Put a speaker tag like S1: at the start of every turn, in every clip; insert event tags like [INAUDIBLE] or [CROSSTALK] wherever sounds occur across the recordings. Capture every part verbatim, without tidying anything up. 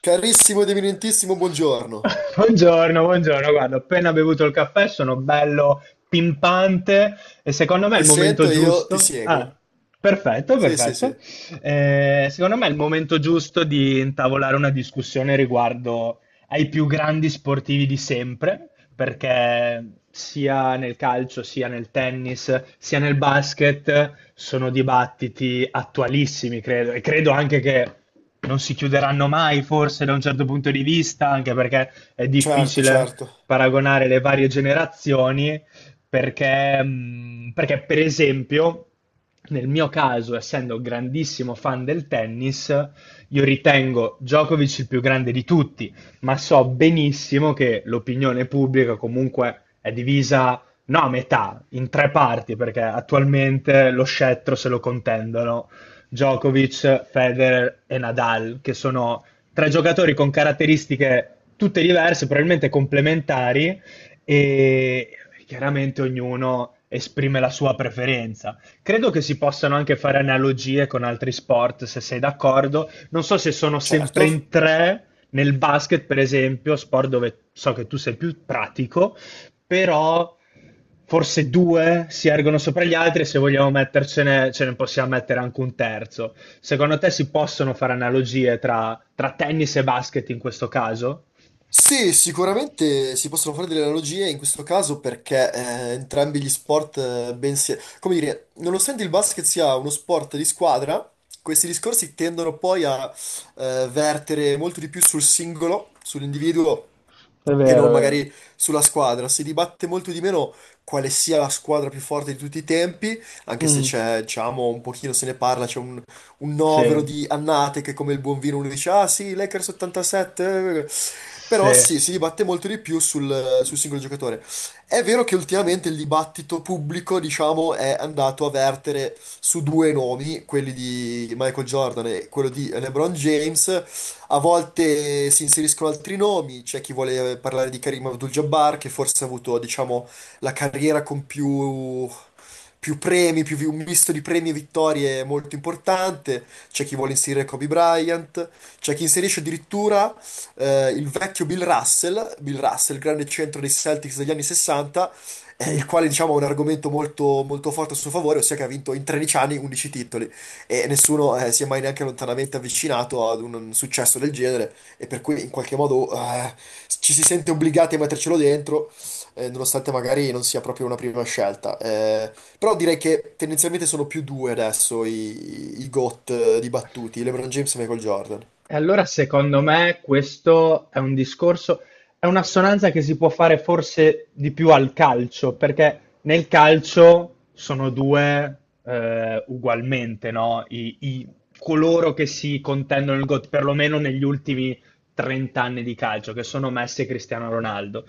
S1: Carissimo ed eminentissimo, buongiorno.
S2: Buongiorno, buongiorno. Guarda, ho appena bevuto il caffè, sono bello pimpante e secondo me è
S1: Ti
S2: il momento
S1: sento e io ti
S2: giusto.
S1: seguo.
S2: Ah, perfetto,
S1: Sì, sì, sì.
S2: perfetto. Eh, secondo me è il momento giusto di intavolare una discussione riguardo ai più grandi sportivi di sempre, perché sia nel calcio, sia nel tennis, sia nel basket sono dibattiti attualissimi, credo, e credo anche che non si chiuderanno mai, forse da un certo punto di vista, anche perché è
S1: Certo,
S2: difficile
S1: certo.
S2: paragonare le varie generazioni, perché, mh, perché per esempio, nel mio caso, essendo grandissimo fan del tennis, io ritengo Djokovic il più grande di tutti, ma so benissimo che l'opinione pubblica comunque è divisa, no, a metà, in tre parti, perché attualmente lo scettro se lo contendono Djokovic, Federer e Nadal, che sono tre giocatori con caratteristiche tutte diverse, probabilmente complementari, e chiaramente ognuno esprime la sua preferenza. Credo che si possano anche fare analogie con altri sport, se sei d'accordo. Non so se sono
S1: Certo.
S2: sempre in tre nel basket, per esempio, sport dove so che tu sei più pratico, però forse due si ergono sopra gli altri e se vogliamo mettercene, ce ne possiamo mettere anche un terzo. Secondo te si possono fare analogie tra, tra tennis e basket in questo caso?
S1: Sì, sicuramente si possono fare delle analogie in questo caso perché eh, entrambi gli sport, eh, ben si- come dire, nonostante il basket sia uno sport di squadra, questi discorsi tendono poi a eh, vertere molto di più sul singolo, sull'individuo
S2: È
S1: e non
S2: vero, è vero.
S1: magari sulla squadra. Si dibatte molto di meno quale sia la squadra più forte di tutti i tempi, anche se
S2: Mm.
S1: c'è, diciamo, un pochino se ne parla, c'è un, un
S2: Sì,
S1: novero di annate che come il buon vino uno dice, ah sì, Lakers ottantasette, eh". Però
S2: sì.
S1: sì, si dibatte molto di più sul, sul singolo giocatore. È vero che ultimamente il dibattito pubblico, diciamo, è andato a vertere su due nomi, quelli di Michael Jordan e quello di LeBron James, a volte si inseriscono altri nomi, c'è chi vuole parlare di Karim Abdul-Jabbar, che forse ha avuto, diciamo, la carriera con più, più premi, più vi- un misto di premi e vittorie molto importante, c'è chi vuole inserire Kobe Bryant, c'è chi inserisce addirittura eh, il vecchio Bill Russell, Bill Russell, grande centro dei Celtics degli anni sessanta, eh, il
S2: Mm.
S1: quale, diciamo, ha un argomento molto, molto forte a suo favore, ossia che ha vinto in tredici anni undici titoli e nessuno eh, si è mai neanche lontanamente avvicinato ad un successo del genere e per cui in qualche modo eh, ci si sente obbligati a mettercelo dentro eh, nonostante magari non sia proprio una prima scelta. Eh, però direi che tendenzialmente sono più due adesso i, i GOAT eh, dibattuti, LeBron James e Michael Jordan.
S2: E allora secondo me questo è un discorso, è un'assonanza che si può fare forse di più al calcio, perché nel calcio sono due eh, ugualmente, no? I, i- coloro che si contendono il GOAT, perlomeno negli ultimi trenta anni di calcio, che sono Messi e Cristiano Ronaldo.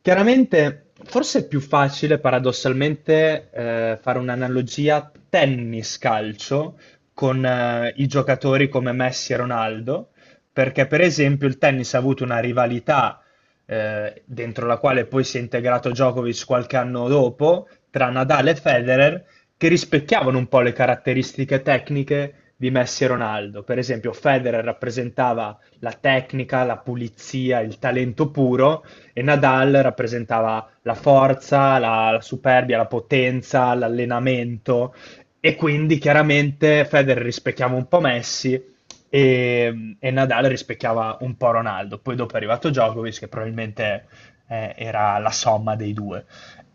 S2: Chiaramente, forse è più facile paradossalmente eh, fare un'analogia tennis-calcio con eh, i giocatori come Messi e Ronaldo, perché per esempio il tennis ha avuto una rivalità eh, dentro la quale poi si è integrato Djokovic qualche anno dopo tra Nadal e Federer, che rispecchiavano un po' le caratteristiche tecniche di Messi e Ronaldo. Per esempio, Federer rappresentava la tecnica, la pulizia, il talento puro, e Nadal rappresentava la forza, la, la superbia, la potenza, l'allenamento, e quindi chiaramente Federer rispecchiava un po' Messi e, e Nadal rispecchiava un po' Ronaldo. Poi dopo è arrivato Djokovic, che probabilmente eh, era la somma dei due.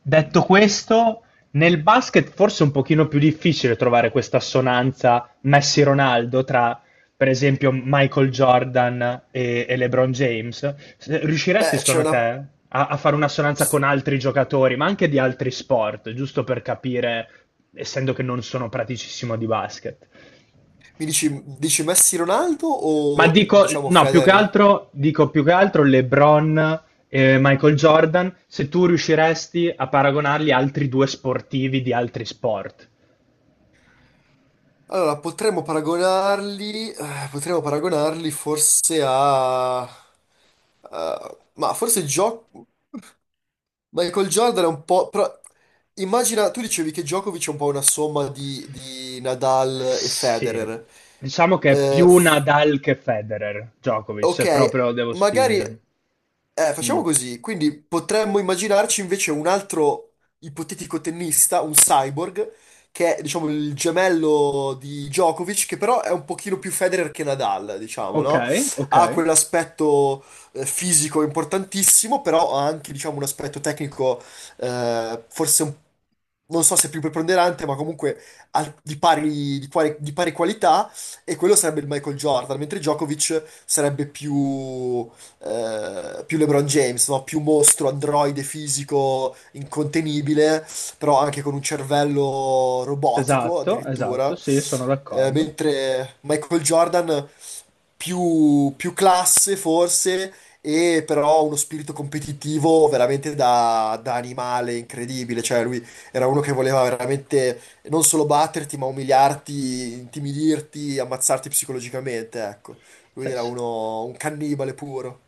S2: Detto questo, nel basket forse è un pochino più difficile trovare questa assonanza Messi-Ronaldo tra per esempio Michael Jordan e, e LeBron James, se- riusciresti
S1: Beh, c'è
S2: secondo
S1: una...
S2: te a, a fare un'assonanza con altri giocatori, ma anche di altri sport, giusto per capire, essendo che non sono praticissimo di basket?
S1: Mi dici, dici Messi Ronaldo
S2: Ma
S1: o
S2: dico,
S1: diciamo
S2: no, più che
S1: Federer?
S2: altro, dico più che altro LeBron e Michael Jordan, se tu riusciresti a paragonarli a altri due sportivi di altri sport.
S1: Allora, potremmo paragonarli, eh, potremmo paragonarli forse a... Eh, ma forse gioco Michael Jordan è un po'. Però immagina, tu dicevi che Djokovic è un po' una somma di, di Nadal e
S2: Sì,
S1: Federer.
S2: diciamo che è
S1: Eh,
S2: più
S1: f-
S2: Nadal che Federer, Djokovic, se
S1: ok,
S2: proprio devo
S1: magari.
S2: spingermi.
S1: Eh,
S2: Mh.
S1: facciamo così, quindi potremmo immaginarci invece un altro ipotetico tennista, un cyborg, che è, diciamo, il gemello di Djokovic, che però è un pochino più Federer che Nadal, diciamo, no?
S2: Okay,
S1: Ha
S2: okay.
S1: quell'aspetto eh, fisico importantissimo, però ha anche, diciamo, un aspetto tecnico eh, forse un non so se più preponderante, ma comunque al- di pari, di quali- di pari qualità, e quello sarebbe il Michael Jordan, mentre Djokovic sarebbe più eh, più LeBron James, no? Più mostro, androide fisico, incontenibile, però anche con un cervello robotico
S2: Esatto, esatto,
S1: addirittura.
S2: sì, sono
S1: Eh,
S2: d'accordo.
S1: mentre Michael Jordan più, più classe forse, e però uno spirito competitivo veramente da, da animale incredibile. Cioè lui era uno che voleva veramente non solo batterti, ma umiliarti, intimidirti, ammazzarti psicologicamente, ecco. Lui
S2: Sai
S1: era
S2: s
S1: uno, un cannibale puro.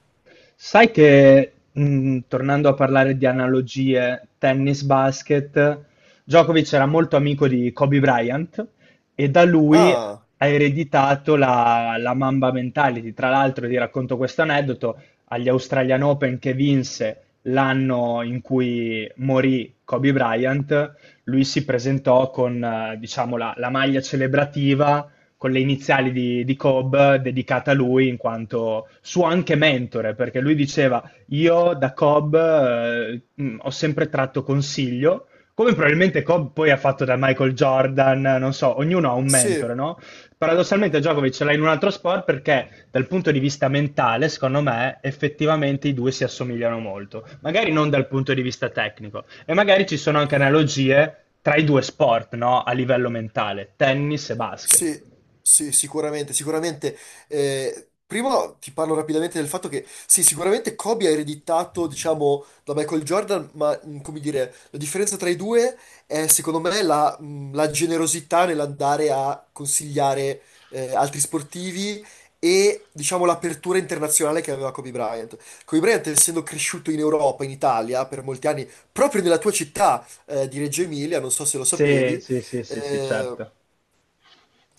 S2: Sai che, mh, tornando a parlare di analogie tennis-basket, Djokovic era molto amico di Kobe Bryant e da lui
S1: Ah,
S2: ha ereditato la, la Mamba mentality. Tra l'altro, ti racconto questo aneddoto, agli Australian Open che vinse l'anno in cui morì Kobe Bryant, lui si presentò con, eh, diciamo, la, la maglia celebrativa con le iniziali di, di Cobb dedicata a lui in quanto suo anche mentore, perché lui diceva io da Cobb eh, mh, ho sempre tratto consiglio, come probabilmente Cobb poi ha fatto da Michael Jordan, non so, ognuno ha un
S1: sì.
S2: mentore, no? Paradossalmente Djokovic ce l'ha in un altro sport perché dal punto di vista mentale, secondo me, effettivamente i due si assomigliano molto, magari non dal punto di vista tecnico e magari ci sono anche analogie tra i due sport, no? A livello mentale, tennis e basket.
S1: Sì, sì, sicuramente, sicuramente. Eh, prima ti parlo rapidamente del fatto che, sì, sicuramente Kobe ha ereditato, diciamo, da Michael Jordan, ma, mh, come dire, la differenza tra i due è, secondo me, la, mh, la generosità nell'andare a consigliare, eh, altri sportivi e, diciamo, l'apertura internazionale che aveva Kobe Bryant. Kobe Bryant, essendo cresciuto in Europa, in Italia, per molti anni, proprio nella tua città, eh, di Reggio Emilia, non so se lo
S2: Sì,
S1: sapevi,
S2: sì, sì, sì, sì,
S1: eh,
S2: certo.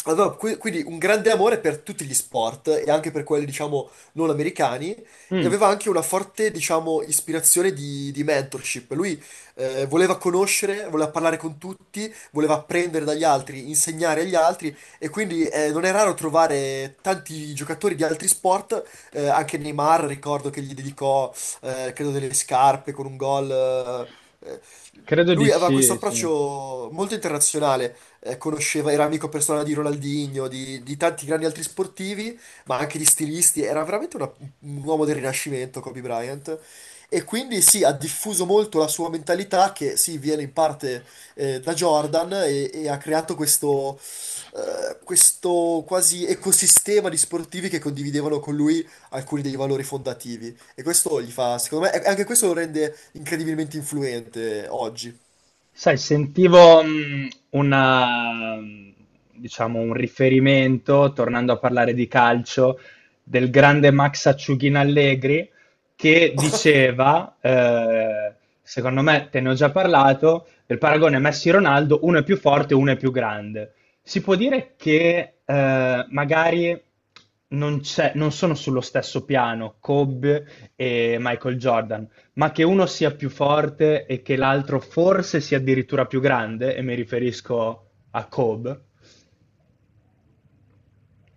S1: aveva que- quindi un grande amore per tutti gli sport e anche per quelli, diciamo, non americani e
S2: Mm,
S1: aveva anche una forte, diciamo, ispirazione di, di mentorship. Lui eh, voleva conoscere, voleva parlare con tutti, voleva apprendere dagli altri, insegnare agli altri e quindi eh, non è raro trovare tanti giocatori di altri sport, eh, anche Neymar, ricordo che gli dedicò, eh, credo, delle scarpe con un gol. eh, eh,
S2: credo di
S1: Lui aveva questo
S2: sì, sì.
S1: approccio molto internazionale eh, conosceva, era amico personale di Ronaldinho, di, di tanti grandi altri sportivi, ma anche di stilisti. Era veramente una- un uomo del Rinascimento, Kobe Bryant. E quindi sì, ha diffuso molto la sua mentalità che sì, viene in parte eh, da Jordan e, e ha creato questo, eh, questo quasi ecosistema di sportivi che condividevano con lui alcuni dei valori fondativi. E questo gli fa, secondo me, e anche questo lo rende incredibilmente influente oggi.
S2: Sai, sentivo, mhmm, una mhmm, diciamo un riferimento, tornando a parlare di calcio, del grande Max Acciughina Allegri che diceva, ehm, secondo me te ne ho già parlato, del paragone Messi-Ronaldo, uno è più forte, uno è più grande. Si può dire che, ehm, magari non c'è non sono sullo stesso piano Kobe e Michael Jordan, ma che uno sia più forte e che l'altro forse sia addirittura più grande, e mi riferisco a Kobe,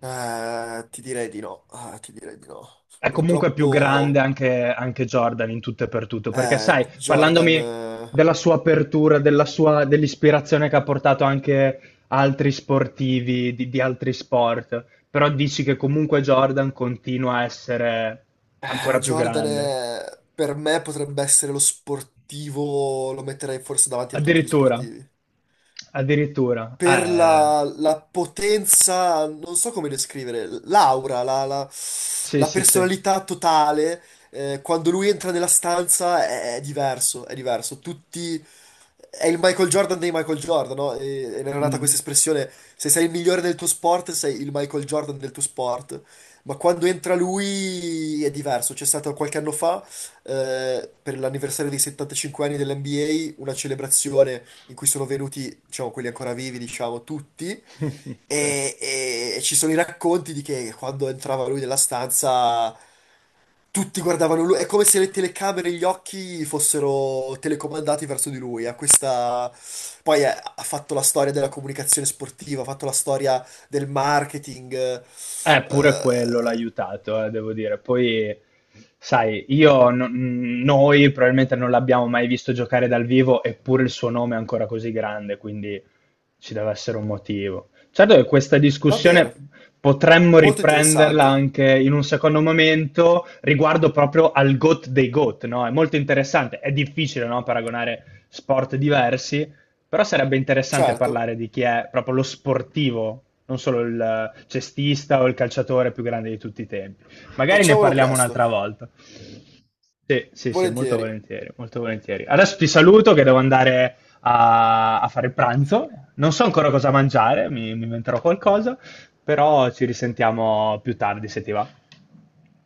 S1: Eh, ti direi di no. Ah, ti direi di no.
S2: è comunque più grande
S1: Purtroppo
S2: anche, anche Jordan in tutto e per tutto, perché
S1: eh,
S2: sai,
S1: Jordan,
S2: parlandomi
S1: eh,
S2: della sua apertura, della sua, dell'ispirazione che ha portato anche altri sportivi di, di altri sport, però dici che comunque Jordan continua a essere ancora
S1: eh,
S2: più
S1: Jordan
S2: grande.
S1: è- per me potrebbe essere lo sportivo, lo metterei forse davanti a tutti gli
S2: Addirittura,
S1: sportivi.
S2: addirittura,
S1: Per
S2: eh,
S1: la, la potenza, non so come descrivere, l'aura, la, la-
S2: sì,
S1: la
S2: sì, sì.
S1: personalità totale, eh, quando lui entra nella stanza è, è diverso, è diverso. Tutti, è il Michael Jordan dei Michael Jordan, no? E, ed era nata questa
S2: Mm.
S1: espressione, se sei il migliore del tuo sport, sei il Michael Jordan del tuo sport. Ma quando entra lui è diverso. C'è stato qualche anno fa, eh, per l'anniversario dei settantacinque anni dell'N B A, una celebrazione in cui sono venuti, diciamo, quelli ancora vivi, diciamo, tutti,
S2: [LAUGHS] Sì.
S1: e, e- e ci sono i racconti di che quando entrava lui nella stanza tutti guardavano lui, è come se le telecamere e gli occhi fossero telecomandati verso di lui, ha questa... Poi eh, ha fatto la storia della comunicazione sportiva, ha fatto la storia del marketing, eh,
S2: Eh, pure quello l'ha
S1: eh,
S2: aiutato, eh, devo dire. Poi, sai, io, no- mh, noi probabilmente non l'abbiamo mai visto giocare dal vivo, eppure il suo nome è ancora così grande, quindi ci deve essere un motivo. Certo che questa
S1: va
S2: discussione
S1: bene,
S2: potremmo
S1: molto
S2: riprenderla
S1: interessante.
S2: anche in un secondo momento riguardo proprio al GOAT dei GOAT, no? È molto interessante, è difficile, no, paragonare sport diversi, però sarebbe interessante
S1: Certo,
S2: parlare di chi è proprio lo sportivo, non solo il cestista o il calciatore più grande di tutti i tempi. Magari ne
S1: facciamolo
S2: parliamo
S1: presto,
S2: un'altra volta. Sì, sì, sì, molto
S1: volentieri.
S2: volentieri, molto volentieri. Adesso ti saluto che devo andare a, a fare il pranzo. Non so ancora cosa mangiare, mi, mi inventerò qualcosa, però ci risentiamo più tardi se ti va.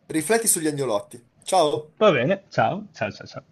S1: Rifletti sugli agnolotti. Ciao!
S2: Va bene, ciao, ciao, ciao, ciao.